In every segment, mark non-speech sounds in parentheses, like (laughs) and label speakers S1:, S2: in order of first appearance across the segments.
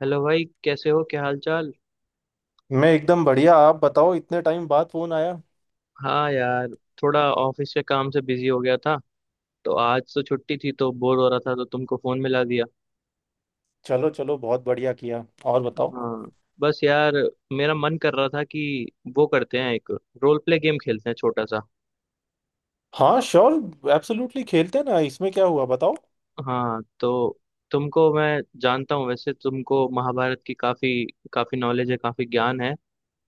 S1: Hello भाई, कैसे हो? क्या हाल चाल?
S2: मैं एकदम बढ़िया। आप बताओ इतने टाइम बाद फोन आया।
S1: हाँ यार, थोड़ा ऑफिस के काम से बिजी हो गया था। तो आज तो छुट्टी थी तो बोर हो रहा था तो तुमको फोन मिला दिया।
S2: चलो चलो, बहुत बढ़िया किया। और बताओ।
S1: हाँ, बस यार, मेरा मन कर रहा था कि वो करते हैं, एक रोल प्ले गेम खेलते हैं छोटा सा।
S2: हाँ श्योर, एब्सोल्युटली खेलते हैं ना। इसमें क्या हुआ बताओ।
S1: हाँ तो तुमको मैं जानता हूँ, वैसे तुमको महाभारत की काफी काफी नॉलेज है, काफी ज्ञान है।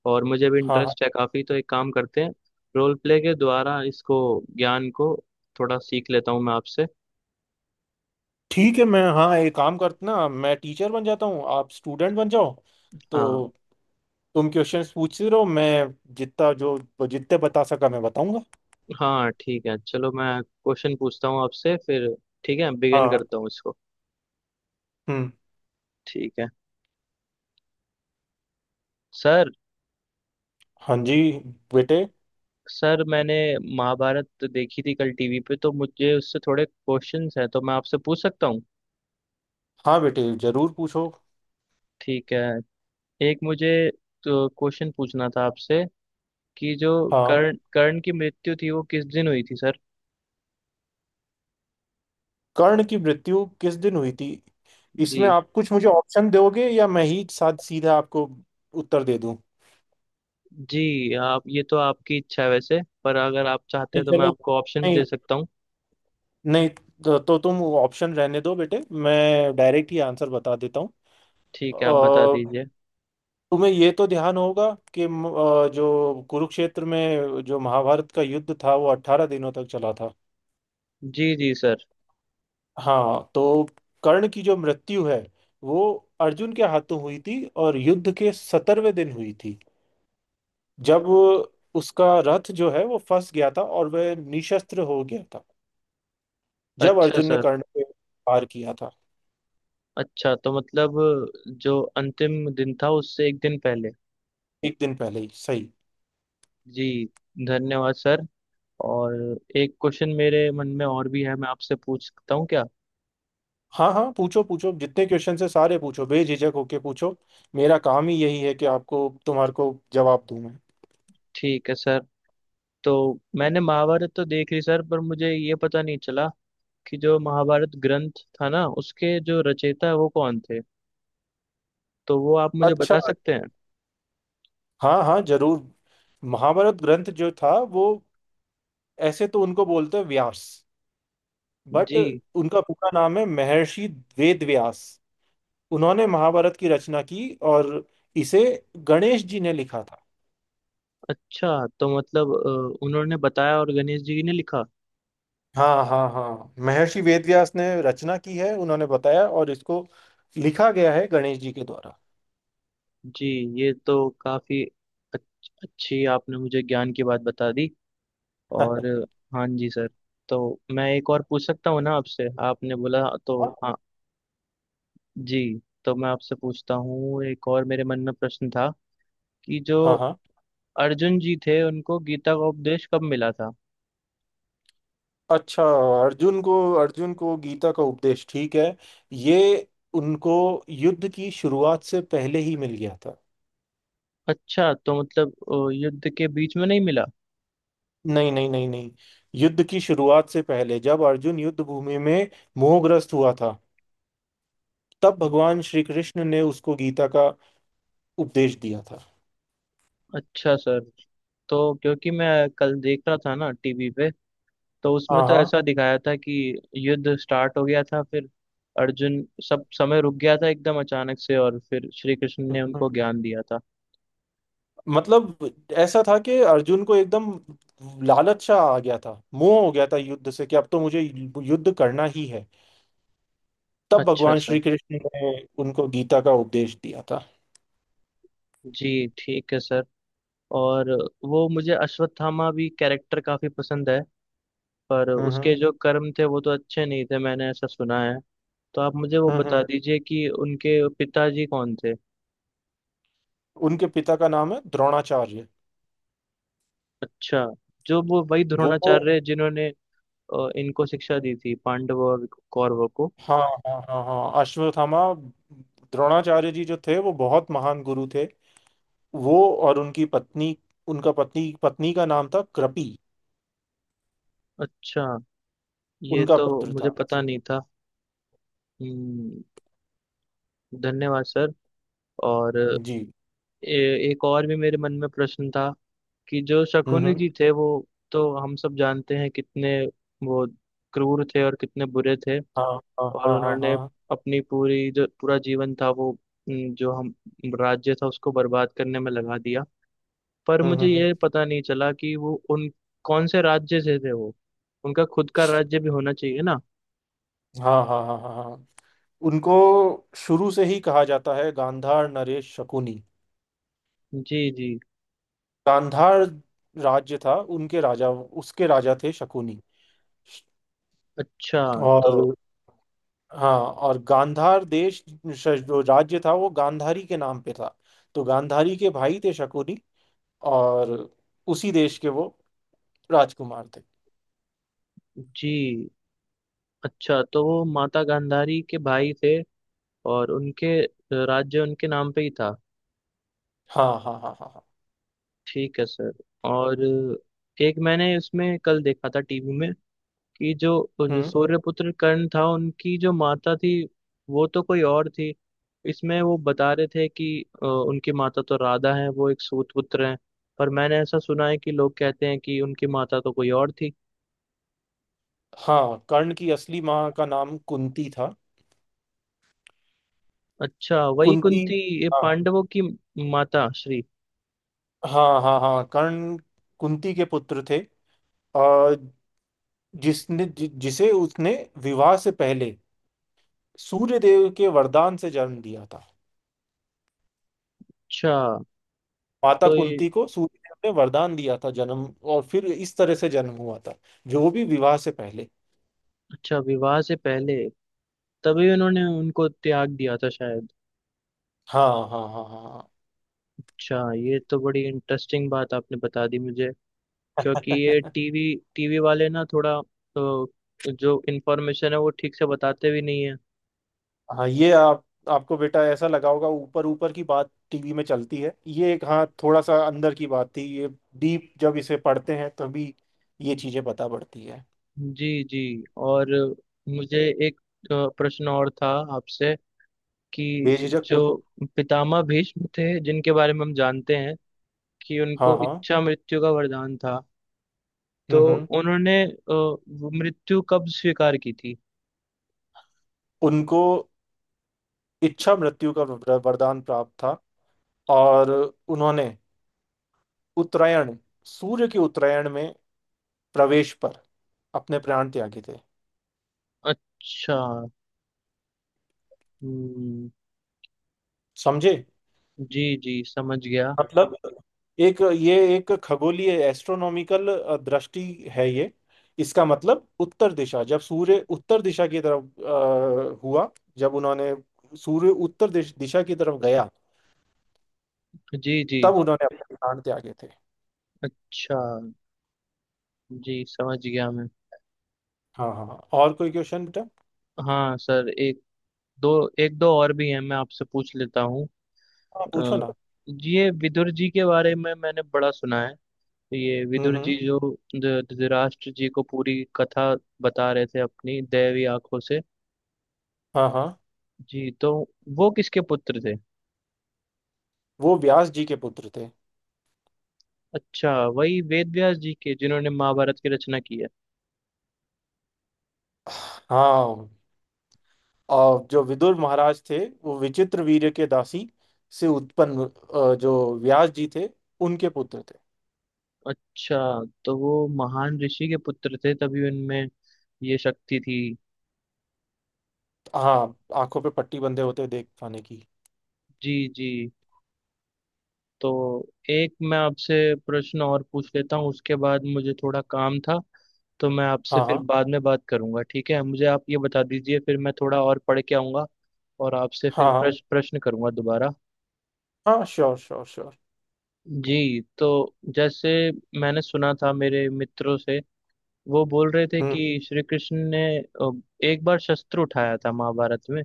S1: और मुझे भी
S2: हाँ हाँ,
S1: इंटरेस्ट है काफी, तो एक काम करते हैं, रोल प्ले के द्वारा इसको, ज्ञान को, थोड़ा सीख लेता हूँ मैं आपसे।
S2: ठीक है। मैं हाँ एक काम करते ना, मैं टीचर बन जाता हूँ, आप स्टूडेंट बन जाओ।
S1: हाँ
S2: तो तुम क्वेश्चंस पूछते रहो, मैं जितना जो जितने बता सका मैं बताऊंगा।
S1: हाँ, ठीक है, चलो मैं क्वेश्चन पूछता हूँ आपसे फिर। ठीक है, बिगिन
S2: हाँ।
S1: करता हूँ इसको।
S2: हम्म।
S1: ठीक है सर।
S2: हाँ जी बेटे।
S1: सर मैंने महाभारत देखी थी कल टीवी पे, तो मुझे उससे थोड़े क्वेश्चंस हैं, तो मैं आपसे पूछ सकता हूँ?
S2: हाँ बेटे, जरूर पूछो।
S1: ठीक है, एक मुझे तो क्वेश्चन पूछना था आपसे कि जो
S2: हाँ,
S1: कर्ण, कर्ण की मृत्यु थी वो किस दिन हुई थी सर?
S2: कर्ण की मृत्यु किस दिन हुई थी।
S1: जी
S2: इसमें आप कुछ मुझे ऑप्शन दोगे या मैं ही साथ सीधा आपको उत्तर दे दूं।
S1: जी, आप ये तो आपकी इच्छा है वैसे, पर अगर आप चाहते हैं
S2: नहीं
S1: तो मैं
S2: चलो,
S1: आपको ऑप्शन भी
S2: नहीं।
S1: दे सकता हूँ।
S2: नहीं तो तुम ऑप्शन रहने दो बेटे, मैं डायरेक्ट ही आंसर बता देता हूँ।
S1: ठीक है, आप बता
S2: अ,
S1: दीजिए।
S2: तुम्हें ये तो ध्यान होगा कि जो कुरुक्षेत्र में जो महाभारत का युद्ध था वो 18 दिनों तक चला था।
S1: जी जी सर।
S2: हाँ तो कर्ण की जो मृत्यु है वो अर्जुन के हाथों हुई थी, और युद्ध के 70वें दिन हुई थी। जब उसका रथ जो है वो फंस गया था और वह निशस्त्र हो गया था, जब
S1: अच्छा
S2: अर्जुन ने
S1: सर।
S2: कर्ण पे वार किया था।
S1: अच्छा तो मतलब जो अंतिम दिन था उससे एक दिन पहले।
S2: एक दिन पहले ही सही।
S1: जी, धन्यवाद सर। और एक क्वेश्चन मेरे मन में और भी है, मैं आपसे पूछ सकता हूँ क्या?
S2: हाँ हाँ, पूछो पूछो, जितने क्वेश्चन है सारे पूछो, बेझिझक होके पूछो। मेरा काम ही यही है कि आपको तुम्हारे को जवाब दूं मैं।
S1: ठीक है सर। तो मैंने महाभारत तो देख ली सर, पर मुझे ये पता नहीं चला कि जो महाभारत ग्रंथ था ना, उसके जो रचयिता है वो कौन थे? तो वो आप मुझे
S2: अच्छा,
S1: बता सकते हैं?
S2: हाँ हाँ जरूर। महाभारत ग्रंथ जो था वो, ऐसे तो उनको बोलते हैं व्यास, बट
S1: जी।
S2: उनका पूरा नाम है महर्षि वेद व्यास। उन्होंने महाभारत की रचना की, और इसे गणेश जी ने लिखा था।
S1: अच्छा तो मतलब उन्होंने बताया और गणेश जी ने लिखा।
S2: हाँ हाँ हाँ, महर्षि वेदव्यास ने रचना की है, उन्होंने बताया, और इसको लिखा गया है गणेश जी के द्वारा।
S1: जी, ये तो काफी अच्छी आपने मुझे ज्ञान की बात बता दी। और हाँ जी सर, तो मैं एक और पूछ सकता हूँ ना आपसे? आपने बोला तो।
S2: हाँ
S1: हाँ जी। तो मैं आपसे पूछता हूँ, एक और मेरे मन में प्रश्न था कि जो
S2: हाँ हाँ।
S1: अर्जुन जी थे उनको गीता का उपदेश कब मिला था?
S2: अच्छा। अर्जुन को अर्जुन को गीता का उपदेश, ठीक है। ये उनको युद्ध की शुरुआत से पहले ही मिल गया था।
S1: अच्छा तो मतलब युद्ध के बीच में नहीं मिला?
S2: नहीं नहीं नहीं नहीं, युद्ध की शुरुआत से पहले, जब अर्जुन युद्ध भूमि में मोहग्रस्त हुआ था, तब भगवान श्री कृष्ण ने उसको गीता का उपदेश दिया था।
S1: अच्छा सर, तो क्योंकि मैं कल देख रहा था ना टीवी पे, तो उसमें
S2: हाँ
S1: तो
S2: हाँ।
S1: ऐसा दिखाया था कि युद्ध स्टार्ट हो गया था फिर अर्जुन, सब समय रुक गया था एकदम अचानक से, और फिर श्री कृष्ण ने उनको ज्ञान दिया था।
S2: मतलब ऐसा था कि अर्जुन को एकदम लालच सा आ गया था, मोह हो गया था युद्ध से कि अब तो मुझे युद्ध करना ही है। तब
S1: अच्छा
S2: भगवान
S1: सर।
S2: श्री कृष्ण ने उनको गीता का उपदेश दिया था।
S1: जी ठीक है सर। और वो मुझे अश्वत्थामा भी कैरेक्टर काफी पसंद है, पर
S2: हम्म हम्म
S1: उसके जो कर्म थे वो तो अच्छे नहीं थे, मैंने ऐसा सुना है। तो आप मुझे वो
S2: हम्म
S1: बता
S2: हम्म।
S1: दीजिए कि उनके पिताजी कौन थे?
S2: उनके पिता का नाम है द्रोणाचार्य।
S1: अच्छा, जो वो वही
S2: वो
S1: द्रोणाचार्य जिन्होंने इनको शिक्षा दी थी, पांडवों और कौरवों को?
S2: हाँ हाँ हाँ हाँ अश्वत्थामा, द्रोणाचार्य जी जो थे वो बहुत महान गुरु थे। वो, और उनकी पत्नी, उनका पत्नी पत्नी का नाम था कृपि।
S1: अच्छा, ये
S2: उनका
S1: तो
S2: पुत्र
S1: मुझे
S2: था।
S1: पता नहीं था। हम्म, धन्यवाद सर। और
S2: जी।
S1: एक और भी मेरे मन में प्रश्न था कि जो
S2: हम्म हम्म
S1: शकुनी जी थे वो, तो हम सब जानते हैं कितने वो क्रूर थे और कितने बुरे थे।
S2: हाँ हाँ
S1: और
S2: हाँ हाँ
S1: उन्होंने
S2: हाँ।
S1: अपनी पूरी जो पूरा जीवन था वो, जो हम राज्य था उसको बर्बाद करने में लगा दिया। पर
S2: हम्म
S1: मुझे
S2: हम्म हम्म।
S1: ये पता नहीं चला कि वो उन कौन से राज्य से थे वो, उनका खुद का राज्य भी होना चाहिए ना?
S2: हाँ हाँ हाँ हाँ हाँ, उनको शुरू से ही कहा जाता है गांधार नरेश शकुनी।
S1: जी जी।
S2: गांधार राज्य था, उनके राजा, उसके राजा थे शकुनी।
S1: अच्छा तो?
S2: और हाँ, और गांधार देश, जो राज्य था वो गांधारी के नाम पे था। तो गांधारी के भाई थे शकुनी, और उसी देश के वो राजकुमार थे।
S1: जी। अच्छा तो वो माता गांधारी के भाई थे, और उनके राज्य उनके नाम पे ही था।
S2: हाँ हाँ हाँ हाँ हाँ।
S1: ठीक है सर। और एक मैंने इसमें कल देखा था टीवी में कि जो, जो
S2: हम्म।
S1: सूर्यपुत्र कर्ण था उनकी जो माता थी वो तो कोई और थी। इसमें वो बता रहे थे कि उनकी माता तो राधा है वो एक सूत पुत्र हैं, पर मैंने ऐसा सुना है कि लोग कहते हैं कि उनकी माता तो कोई और थी।
S2: हाँ, कर्ण की असली माँ का नाम कुंती था।
S1: अच्छा, वही
S2: कुंती।
S1: कुंती? ये
S2: हाँ
S1: पांडवों की माता श्री?
S2: हाँ हाँ हाँ, कर्ण कुंती के पुत्र थे। अ, जिसे उसने विवाह से पहले सूर्यदेव के वरदान से जन्म दिया था।
S1: अच्छा
S2: माता
S1: तो ये।
S2: कुंती को सूर्यदेव ने वरदान दिया था जन्म। और फिर इस तरह से जन्म हुआ था, जो भी विवाह से पहले।
S1: अच्छा, विवाह से पहले, तभी उन्होंने उनको त्याग दिया था शायद।
S2: हाँ हाँ हाँ हाँ
S1: अच्छा, ये तो बड़ी इंटरेस्टिंग बात आपने बता दी मुझे, क्योंकि ये
S2: हाँ। (laughs)
S1: टीवी, टीवी वाले ना थोड़ा, तो जो इन्फॉर्मेशन है वो ठीक से बताते भी नहीं है।
S2: हाँ, ये आप, आपको बेटा ऐसा लगा होगा, ऊपर ऊपर की बात टीवी में चलती है ये, एक हाँ थोड़ा सा अंदर की बात थी ये। डीप जब इसे पढ़ते हैं तभी ये चीजें पता पड़ती है।
S1: जी जी। और मुझे एक प्रश्न और था आपसे कि
S2: बेझिझक
S1: जो
S2: पूछ।
S1: पितामह भीष्म थे जिनके बारे में हम जानते हैं कि
S2: हाँ
S1: उनको
S2: हाँ।
S1: इच्छा मृत्यु का वरदान था, तो
S2: हम्म।
S1: उन्होंने वो मृत्यु कब स्वीकार की थी?
S2: उनको इच्छा मृत्यु का वरदान प्राप्त था। और उन्होंने उत्तरायण, सूर्य के उत्तरायण में प्रवेश पर अपने प्राण त्यागे थे।
S1: अच्छा। हम्म,
S2: समझे।
S1: जी जी समझ गया।
S2: मतलब एक ये, एक खगोलीय, एस्ट्रोनॉमिकल दृष्टि है ये। इसका मतलब उत्तर दिशा, जब सूर्य उत्तर दिशा की तरफ हुआ, जब उन्होंने, सूर्य उत्तर दिशा की तरफ गया,
S1: जी जी।
S2: तब उन्होंने अपने प्राण त्यागे थे।
S1: अच्छा, जी समझ गया मैं।
S2: हाँ हाँ हाँ। और कोई क्वेश्चन बेटा।
S1: हाँ सर, एक, दो, एक दो और भी हैं, मैं आपसे पूछ लेता हूँ।
S2: हाँ पूछो
S1: अ,
S2: ना।
S1: ये विदुर जी के बारे में मैंने बड़ा सुना है। ये विदुर
S2: हम्म।
S1: जी जो धृतराष्ट्र जी को पूरी कथा बता रहे थे अपनी दैवी आंखों से।
S2: हाँ हाँ,
S1: जी, तो वो किसके पुत्र थे?
S2: वो व्यास जी के पुत्र थे।
S1: अच्छा, वही वेद व्यास जी के, जिन्होंने महाभारत की रचना की है?
S2: हाँ, और जो विदुर महाराज थे वो विचित्र वीर्य के दासी से उत्पन्न, जो व्यास जी थे उनके पुत्र थे।
S1: अच्छा, तो वो महान ऋषि के पुत्र थे तभी उनमें ये शक्ति थी।
S2: हाँ, आंखों पे पट्टी बंधे होते हुए देख पाने की।
S1: जी जी। तो एक मैं आपसे प्रश्न और पूछ लेता हूँ, उसके बाद मुझे थोड़ा काम था, तो मैं आपसे फिर
S2: हाँ
S1: बाद में बात करूंगा। ठीक है, मुझे आप ये बता दीजिए, फिर मैं थोड़ा और पढ़ के आऊंगा और आपसे फिर
S2: हाँ हाँ,
S1: प्रश्न प्रश्न करूंगा दोबारा।
S2: हाँ श्योर श्योर श्योर।
S1: जी, तो जैसे मैंने सुना था मेरे मित्रों से, वो बोल रहे थे
S2: हम्म।
S1: कि श्री कृष्ण ने एक बार शस्त्र उठाया था महाभारत में,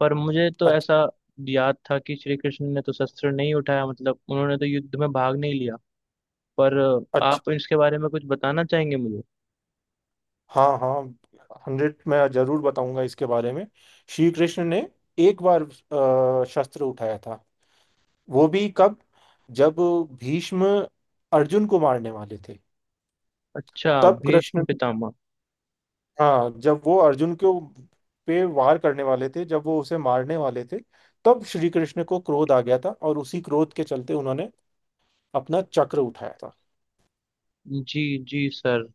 S1: पर मुझे तो
S2: अच्छा,
S1: ऐसा याद था कि श्री कृष्ण ने तो शस्त्र नहीं उठाया, मतलब उन्होंने तो युद्ध में भाग नहीं लिया। पर
S2: अच्छा।
S1: आप इसके बारे में कुछ बताना चाहेंगे मुझे?
S2: हाँ हाँ, 100 मैं जरूर बताऊंगा इसके बारे में। श्री कृष्ण ने एक बार शस्त्र उठाया था। वो भी कब, जब भीष्म अर्जुन को मारने वाले थे।
S1: अच्छा,
S2: तब
S1: भीष्म
S2: कृष्ण,
S1: पितामह।
S2: हाँ, जब वो अर्जुन के पे वार करने वाले थे, जब वो उसे मारने वाले थे, तब श्री कृष्ण को क्रोध आ गया था, और उसी क्रोध के चलते उन्होंने अपना चक्र उठाया था।
S1: जी जी सर,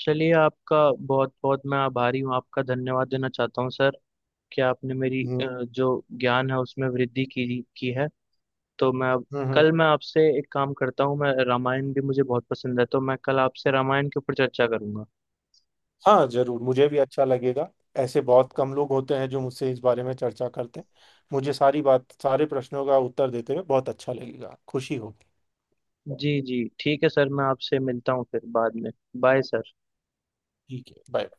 S1: चलिए, आपका बहुत बहुत मैं आभारी हूँ, आपका धन्यवाद देना चाहता हूँ सर, कि आपने मेरी
S2: हम्म,
S1: जो ज्ञान है उसमें वृद्धि की है। तो मैं अब,
S2: हम्म हम्म।
S1: कल मैं आपसे एक काम करता हूँ, मैं रामायण भी मुझे बहुत पसंद है, तो मैं कल आपसे रामायण के ऊपर चर्चा करूंगा।
S2: हाँ जरूर, मुझे भी अच्छा लगेगा। ऐसे बहुत कम लोग होते हैं जो मुझसे इस बारे में चर्चा करते हैं। मुझे सारी बात, सारे प्रश्नों का उत्तर देते हुए बहुत अच्छा लगेगा, खुशी होगी।
S1: जी जी ठीक है सर, मैं आपसे मिलता हूँ फिर बाद में। Bye sir.
S2: ठीक है, बाय।